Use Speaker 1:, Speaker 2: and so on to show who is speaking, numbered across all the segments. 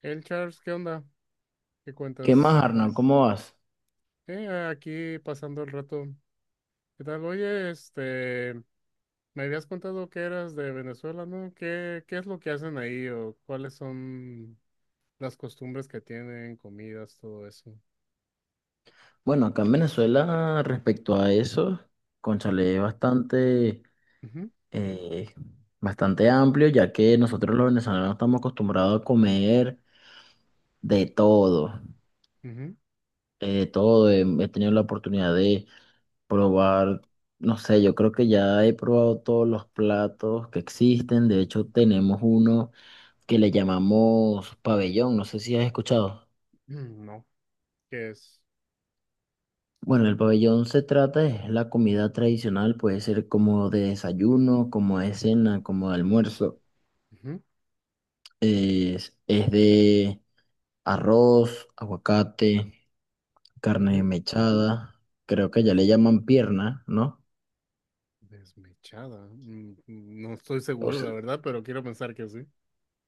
Speaker 1: El Charles, ¿qué onda? ¿Qué
Speaker 2: ¿Qué más,
Speaker 1: cuentas?
Speaker 2: Arnold? ¿Cómo vas?
Speaker 1: Aquí pasando el rato. ¿Qué tal? Oye, este, me habías contado que eras de Venezuela, ¿no? ¿¿Qué es lo que hacen ahí o cuáles son las costumbres que tienen, comidas, todo eso?
Speaker 2: Bueno, acá en Venezuela, respecto a eso,
Speaker 1: Mm,
Speaker 2: cónchale, es bastante,
Speaker 1: ujú,
Speaker 2: eh, bastante amplio, ya que nosotros los venezolanos estamos acostumbrados a comer de todo,
Speaker 1: ujú.
Speaker 2: de todo. He tenido la oportunidad de probar, no sé, yo creo que ya he probado todos los platos que existen. De hecho, tenemos uno que le llamamos pabellón, no sé si has escuchado.
Speaker 1: Mm, no, ¿qué es?
Speaker 2: Bueno, el pabellón se trata de la comida tradicional, puede ser como de desayuno, como de cena, como de almuerzo.
Speaker 1: Ujú,
Speaker 2: Es de arroz, aguacate, carne
Speaker 1: ujú.
Speaker 2: mechada, creo que ya le llaman pierna, ¿no?
Speaker 1: Desmechada. Mm, mm, no estoy
Speaker 2: O
Speaker 1: seguro,
Speaker 2: sea,
Speaker 1: la verdad, pero quiero pensar que sí.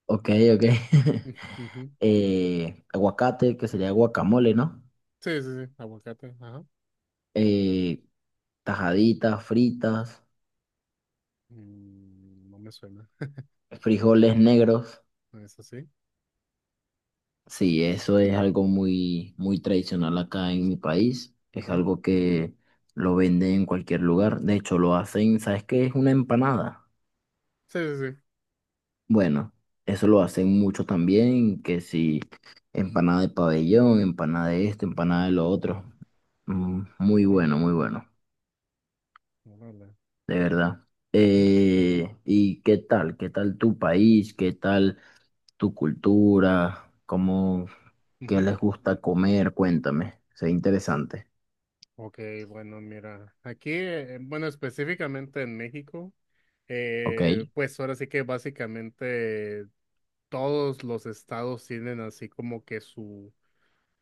Speaker 2: ok, ok.
Speaker 1: Ujú.
Speaker 2: Aguacate, que sería guacamole, ¿no?
Speaker 1: Sí, sí, sí, aguacate, ajá.
Speaker 2: Eh, tajaditas, fritas,
Speaker 1: Mm, no me suena,
Speaker 2: frijoles negros.
Speaker 1: ¿no es así?
Speaker 2: Sí, eso es algo muy, muy tradicional acá en mi país. Es
Speaker 1: Ujú.
Speaker 2: algo que lo venden en cualquier lugar. De hecho, lo hacen, ¿sabes qué? Es una empanada.
Speaker 1: Sí, sí, sí.
Speaker 2: Bueno, eso lo hacen mucho también, que si empanada de pabellón, empanada de esto, empanada de lo otro. Mm, muy bueno,
Speaker 1: Órale,
Speaker 2: muy bueno,
Speaker 1: órale.
Speaker 2: de verdad.
Speaker 1: Ujú,
Speaker 2: ¿Y qué tal? ¿Qué tal tu país? ¿Qué tal tu cultura? ¿Cómo, qué
Speaker 1: ujú.
Speaker 2: les gusta comer? Cuéntame, sea interesante.
Speaker 1: Ok, bueno, mira, aquí, bueno, específicamente en México,
Speaker 2: Ok,
Speaker 1: pues ahora sí que básicamente todos los estados tienen así como que su,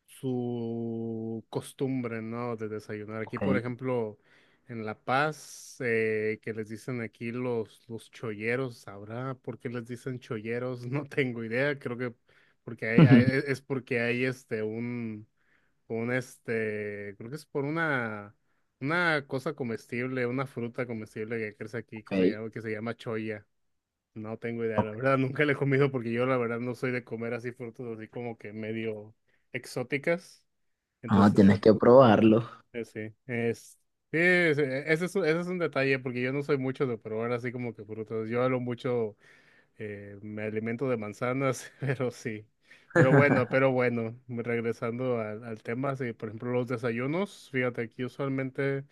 Speaker 1: su costumbre, ¿no? De desayunar. Aquí,
Speaker 2: ok,
Speaker 1: por ejemplo, en La Paz, que les dicen aquí los cholleros. ¿Sabrá por qué les dicen cholleros? No tengo idea, creo que porque hay, es porque hay este un, creo que es por una cosa comestible, una fruta comestible que crece aquí
Speaker 2: ok,
Speaker 1: que se llama choya. No tengo idea,
Speaker 2: ok.
Speaker 1: la verdad, nunca la he comido porque yo la verdad no soy de comer así frutas así como que medio exóticas.
Speaker 2: Ah,
Speaker 1: Entonces,
Speaker 2: tienes que probarlo,
Speaker 1: sí, es, sí, ese es, ese es un detalle porque yo no soy mucho de probar así como que frutas. Yo hablo mucho me alimento de manzanas, pero sí. Pero bueno, regresando al, al tema, sí, por ejemplo, los desayunos, fíjate, aquí usualmente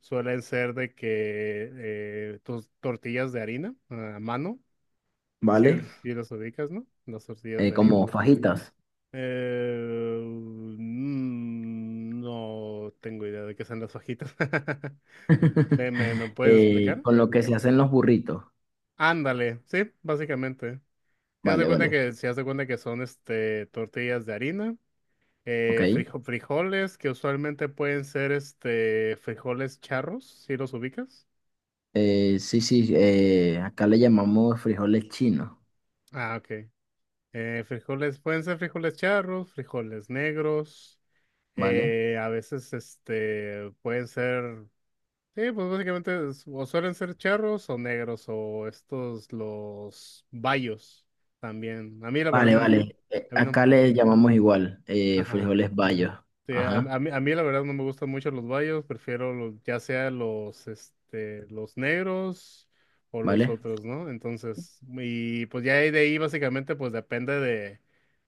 Speaker 1: suelen ser de que tus tortillas de harina a mano, si,
Speaker 2: ¿vale?
Speaker 1: si las ubicas, ¿no? Las tortillas de harina.
Speaker 2: Como fajitas.
Speaker 1: No tengo idea de qué son las hojitas. ¿Me, me, me puedes explicar?
Speaker 2: Con lo que se hacen los burritos.
Speaker 1: Ándale, sí, básicamente. Si haz
Speaker 2: Vale,
Speaker 1: cuenta
Speaker 2: vale,
Speaker 1: que, si haz cuenta que son este tortillas de harina,
Speaker 2: ok.
Speaker 1: frijoles, que usualmente pueden ser este frijoles charros, si los ubicas.
Speaker 2: Sí, sí, acá le llamamos frijoles chinos,
Speaker 1: Ah, ok. Frijoles, pueden ser frijoles charros, frijoles negros,
Speaker 2: ¿vale?
Speaker 1: a veces este pueden ser, sí, pues básicamente o suelen ser charros o negros, o estos los bayos también. A mí la verdad
Speaker 2: Vale,
Speaker 1: no me gusta.
Speaker 2: vale. Eh,
Speaker 1: A mí no.
Speaker 2: acá le llamamos igual,
Speaker 1: Ajá.
Speaker 2: frijoles bayos.
Speaker 1: Sí,
Speaker 2: Ajá,
Speaker 1: a mí la verdad no me gustan mucho los bayos, prefiero los, ya sea los, este, los negros o los
Speaker 2: ¿vale?
Speaker 1: otros, ¿no? Entonces, y pues ya de ahí básicamente pues depende de,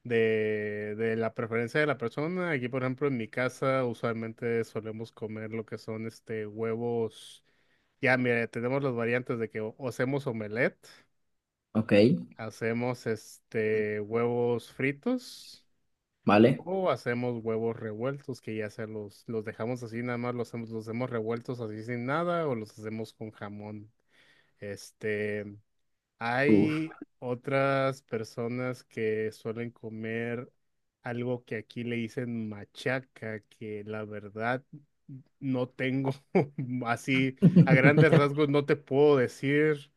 Speaker 1: de la preferencia de la persona. Aquí, por ejemplo, en mi casa usualmente solemos comer lo que son este huevos. Ya, mira, tenemos las variantes de que o hacemos omelette,
Speaker 2: Ok,
Speaker 1: hacemos este huevos fritos.
Speaker 2: ¿vale?
Speaker 1: O hacemos huevos revueltos, que ya sea los dejamos así, nada más los, los hacemos revueltos así sin nada, o los hacemos con jamón. Este,
Speaker 2: Uf.
Speaker 1: hay otras personas que suelen comer algo que aquí le dicen machaca, que la verdad no tengo así, a grandes rasgos no te puedo decir.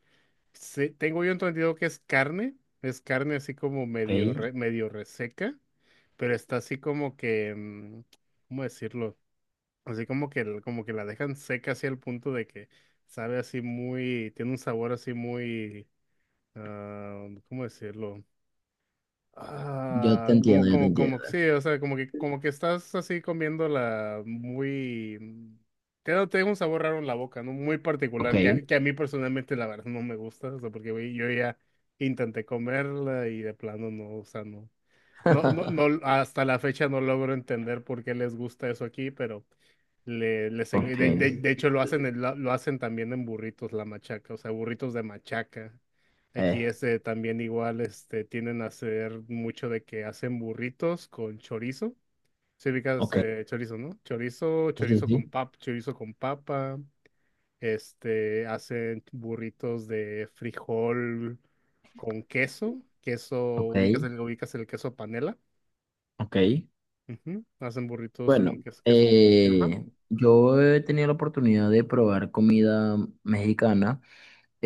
Speaker 1: Tengo yo entendido que es carne así como medio,
Speaker 2: Ok,
Speaker 1: medio reseca, pero está así como que, mm, ¿cómo decirlo? Así como que, como que la dejan seca así al punto de que sabe así muy, tiene un sabor así muy, ah, ¿cómo decirlo?
Speaker 2: yo te
Speaker 1: Ah,
Speaker 2: entiendo, yo te entiendo.
Speaker 1: como, sí, o sea, como que estás así comiéndola muy, mm, te da, te deja un sabor raro en la boca, ¿no? Muy
Speaker 2: Ok.
Speaker 1: particular, que que a mí personalmente la verdad no me gusta, o sea, porque güey, yo ya intenté comerla y de plano no, o sea, no. No, no, no, hasta la fecha no logro entender por qué les gusta eso aquí, pero le, les, en-
Speaker 2: Ok,
Speaker 1: de hecho lo hacen, lo hacen también en burritos, la machaca, o sea, burritos de machaca. Aquí
Speaker 2: eh,
Speaker 1: este también igual, este, tienden a hacer mucho de que hacen burritos con chorizo. Se ubicas
Speaker 2: ok,
Speaker 1: chorizo, ¿no? Chorizo,
Speaker 2: sí, sí.
Speaker 1: chorizo con papa. Este, hacen burritos de frijol con queso, queso,
Speaker 2: Ok,
Speaker 1: ubicas el queso panela.
Speaker 2: ok.
Speaker 1: Ujú. Hacen burritos
Speaker 2: Bueno,
Speaker 1: con queso, queso. Ajá.
Speaker 2: yo he tenido la oportunidad de probar comida mexicana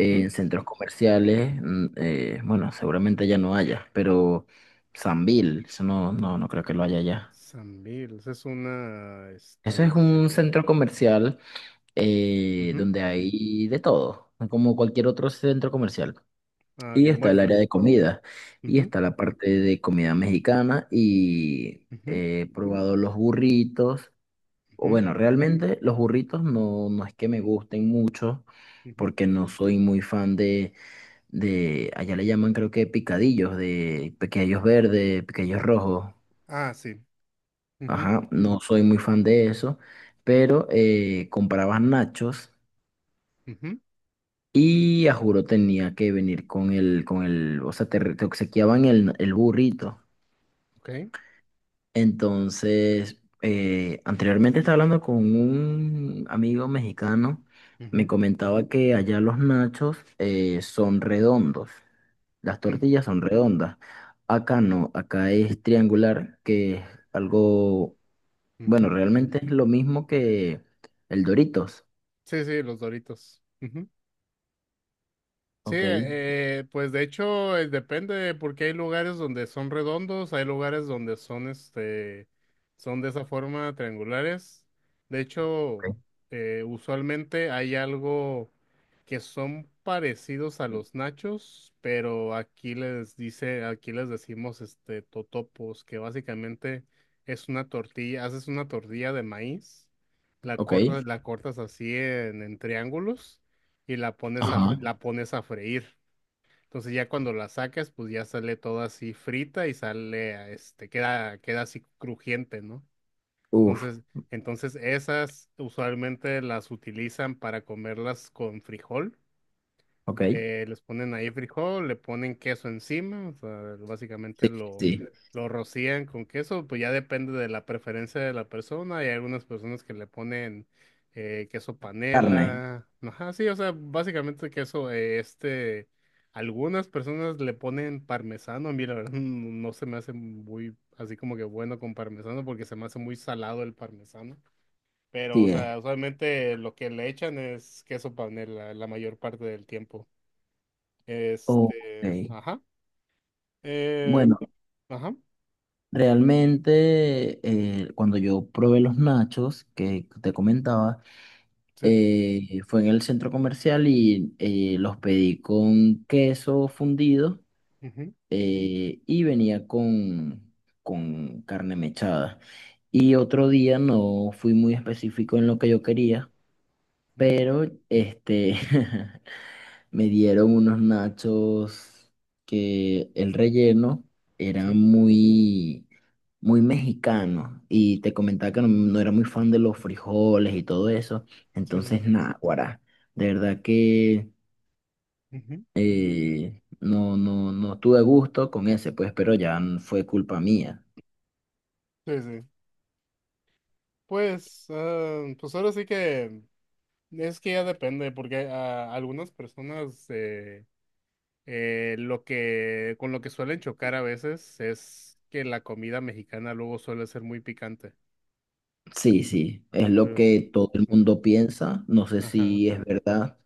Speaker 1: Ujú.
Speaker 2: centros comerciales. Mm, bueno, seguramente ya no haya, pero Sambil, eso no, no, no creo que lo haya ya.
Speaker 1: Sambil, esa es una,
Speaker 2: Eso es
Speaker 1: este,
Speaker 2: un centro comercial,
Speaker 1: ujú.
Speaker 2: donde hay de todo, como cualquier otro centro comercial.
Speaker 1: Ah, ok,
Speaker 2: Y está el
Speaker 1: bueno.
Speaker 2: área de comida, y
Speaker 1: Ujú,
Speaker 2: está la parte de comida mexicana, y
Speaker 1: ujú,
Speaker 2: he probado los burritos. O
Speaker 1: ujú,
Speaker 2: bueno, realmente los burritos no, no es que me gusten mucho,
Speaker 1: ujú.
Speaker 2: porque no soy muy fan de, allá le llaman creo que picadillos, de pequeños verdes, pequeños rojos.
Speaker 1: Ah, sí. Ujú,
Speaker 2: Ajá, no soy muy fan de eso, pero comprabas nachos
Speaker 1: ujú,
Speaker 2: y a juro tenía que venir con el, o sea, te obsequiaban el burrito.
Speaker 1: ok.
Speaker 2: Entonces, anteriormente estaba hablando con un amigo mexicano, me
Speaker 1: Ujú,
Speaker 2: comentaba que allá los nachos son redondos, las
Speaker 1: mm,
Speaker 2: tortillas son redondas. Acá no, acá es triangular, que es algo, bueno,
Speaker 1: ujú.
Speaker 2: realmente es lo mismo que el Doritos.
Speaker 1: Sí, sí, los Doritos. Sí,
Speaker 2: Ok,
Speaker 1: pues de hecho depende porque hay lugares donde son redondos, hay lugares donde son este, son de esa forma triangulares. De hecho,
Speaker 2: ok,
Speaker 1: usualmente hay algo que son parecidos a los nachos, pero aquí les dice, aquí les decimos este totopos, que básicamente es una tortilla, haces una tortilla de maíz,
Speaker 2: ok.
Speaker 1: la cortas así en triángulos y la pones a,
Speaker 2: Ajá.
Speaker 1: la pones a freír. Entonces ya cuando la sacas, pues ya sale toda así frita y sale, a, este, queda, queda así crujiente, ¿no?
Speaker 2: Uf,
Speaker 1: Entonces, entonces esas usualmente las utilizan para comerlas con frijol,
Speaker 2: ok.
Speaker 1: les ponen ahí frijol, le ponen queso encima, o sea, básicamente
Speaker 2: Sí, sí. Sí.
Speaker 1: lo rocían con queso, pues ya depende de la preferencia de la persona. Hay algunas personas que le ponen queso
Speaker 2: Carne,
Speaker 1: panela, ajá, sí, o sea, básicamente queso, este, algunas personas le ponen parmesano, a mí la verdad no se me hace muy, así como que bueno con parmesano porque se me hace muy salado el parmesano. Pero, o
Speaker 2: sí es.
Speaker 1: sea, usualmente lo que le echan es queso panela la mayor parte del tiempo.
Speaker 2: Ok.
Speaker 1: Este, ajá, eh,
Speaker 2: Bueno.
Speaker 1: ajá,
Speaker 2: Realmente, cuando yo probé los nachos que te comentaba,
Speaker 1: sí,
Speaker 2: fue en el centro comercial y los pedí con queso fundido,
Speaker 1: ujú,
Speaker 2: y venía con carne mechada. Y otro día no fui muy específico en lo que yo quería,
Speaker 1: ujú,
Speaker 2: pero este, me dieron unos nachos que el relleno era
Speaker 1: sí,
Speaker 2: muy, muy mexicano. Y te comentaba que no, no era muy fan de los frijoles y todo eso.
Speaker 1: sí, sí,
Speaker 2: Entonces,
Speaker 1: sí,
Speaker 2: nada, guará. De verdad que
Speaker 1: ujú,
Speaker 2: no, no, no tuve gusto con ese, pues, pero fue culpa mía.
Speaker 1: sí, sí. Pues, ah, pues ahora sí que es que ya depende, porque a algunas personas lo que con lo que suelen chocar a veces es que la comida mexicana luego suele ser muy picante.
Speaker 2: Sí, sí, es lo
Speaker 1: Entonces,
Speaker 2: que todo el
Speaker 1: ah,
Speaker 2: mundo piensa. No sé
Speaker 1: ajá.
Speaker 2: si es verdad,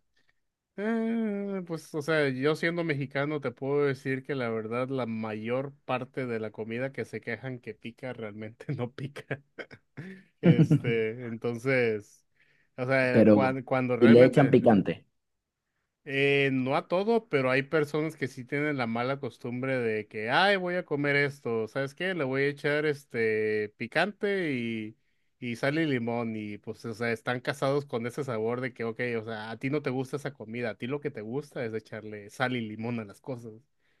Speaker 1: Pues, o sea, yo siendo mexicano te puedo decir que la verdad la mayor parte de la comida que se quejan que pica realmente no pica. Este, entonces, o sea,
Speaker 2: pero
Speaker 1: cuando,
Speaker 2: y le echan
Speaker 1: realmente,
Speaker 2: picante.
Speaker 1: no a todo, pero hay personas que sí tienen la mala costumbre de que, ay, voy a comer esto, ¿sabes qué? Le voy a echar este picante y sal y limón y pues, o sea, están casados con ese sabor de que, ok, o sea, a ti no te gusta esa comida, a ti lo que te gusta es echarle sal y limón a las cosas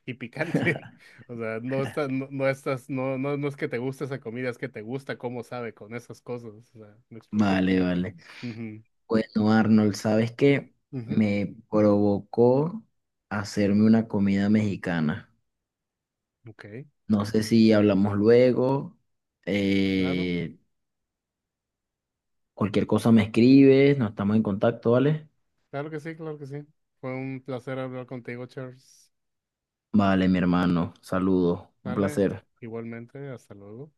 Speaker 1: y picante, o sea, no estás, no, no estás, no, no, no es que te guste esa comida, es que te gusta cómo sabe con esas cosas, o sea, ¿me explico?
Speaker 2: Vale, vale.
Speaker 1: Ujú,
Speaker 2: Bueno, Arnold, ¿sabes qué?
Speaker 1: ujú,
Speaker 2: Me provocó hacerme una comida mexicana.
Speaker 1: ok,
Speaker 2: No sé si hablamos luego.
Speaker 1: claro.
Speaker 2: Eh, cualquier cosa me escribes, nos estamos en contacto, ¿vale?
Speaker 1: Claro que sí, claro que sí. Fue un placer hablar contigo, Charles.
Speaker 2: Vale, mi hermano, saludos, un
Speaker 1: Sale,
Speaker 2: placer.
Speaker 1: igualmente, hasta luego.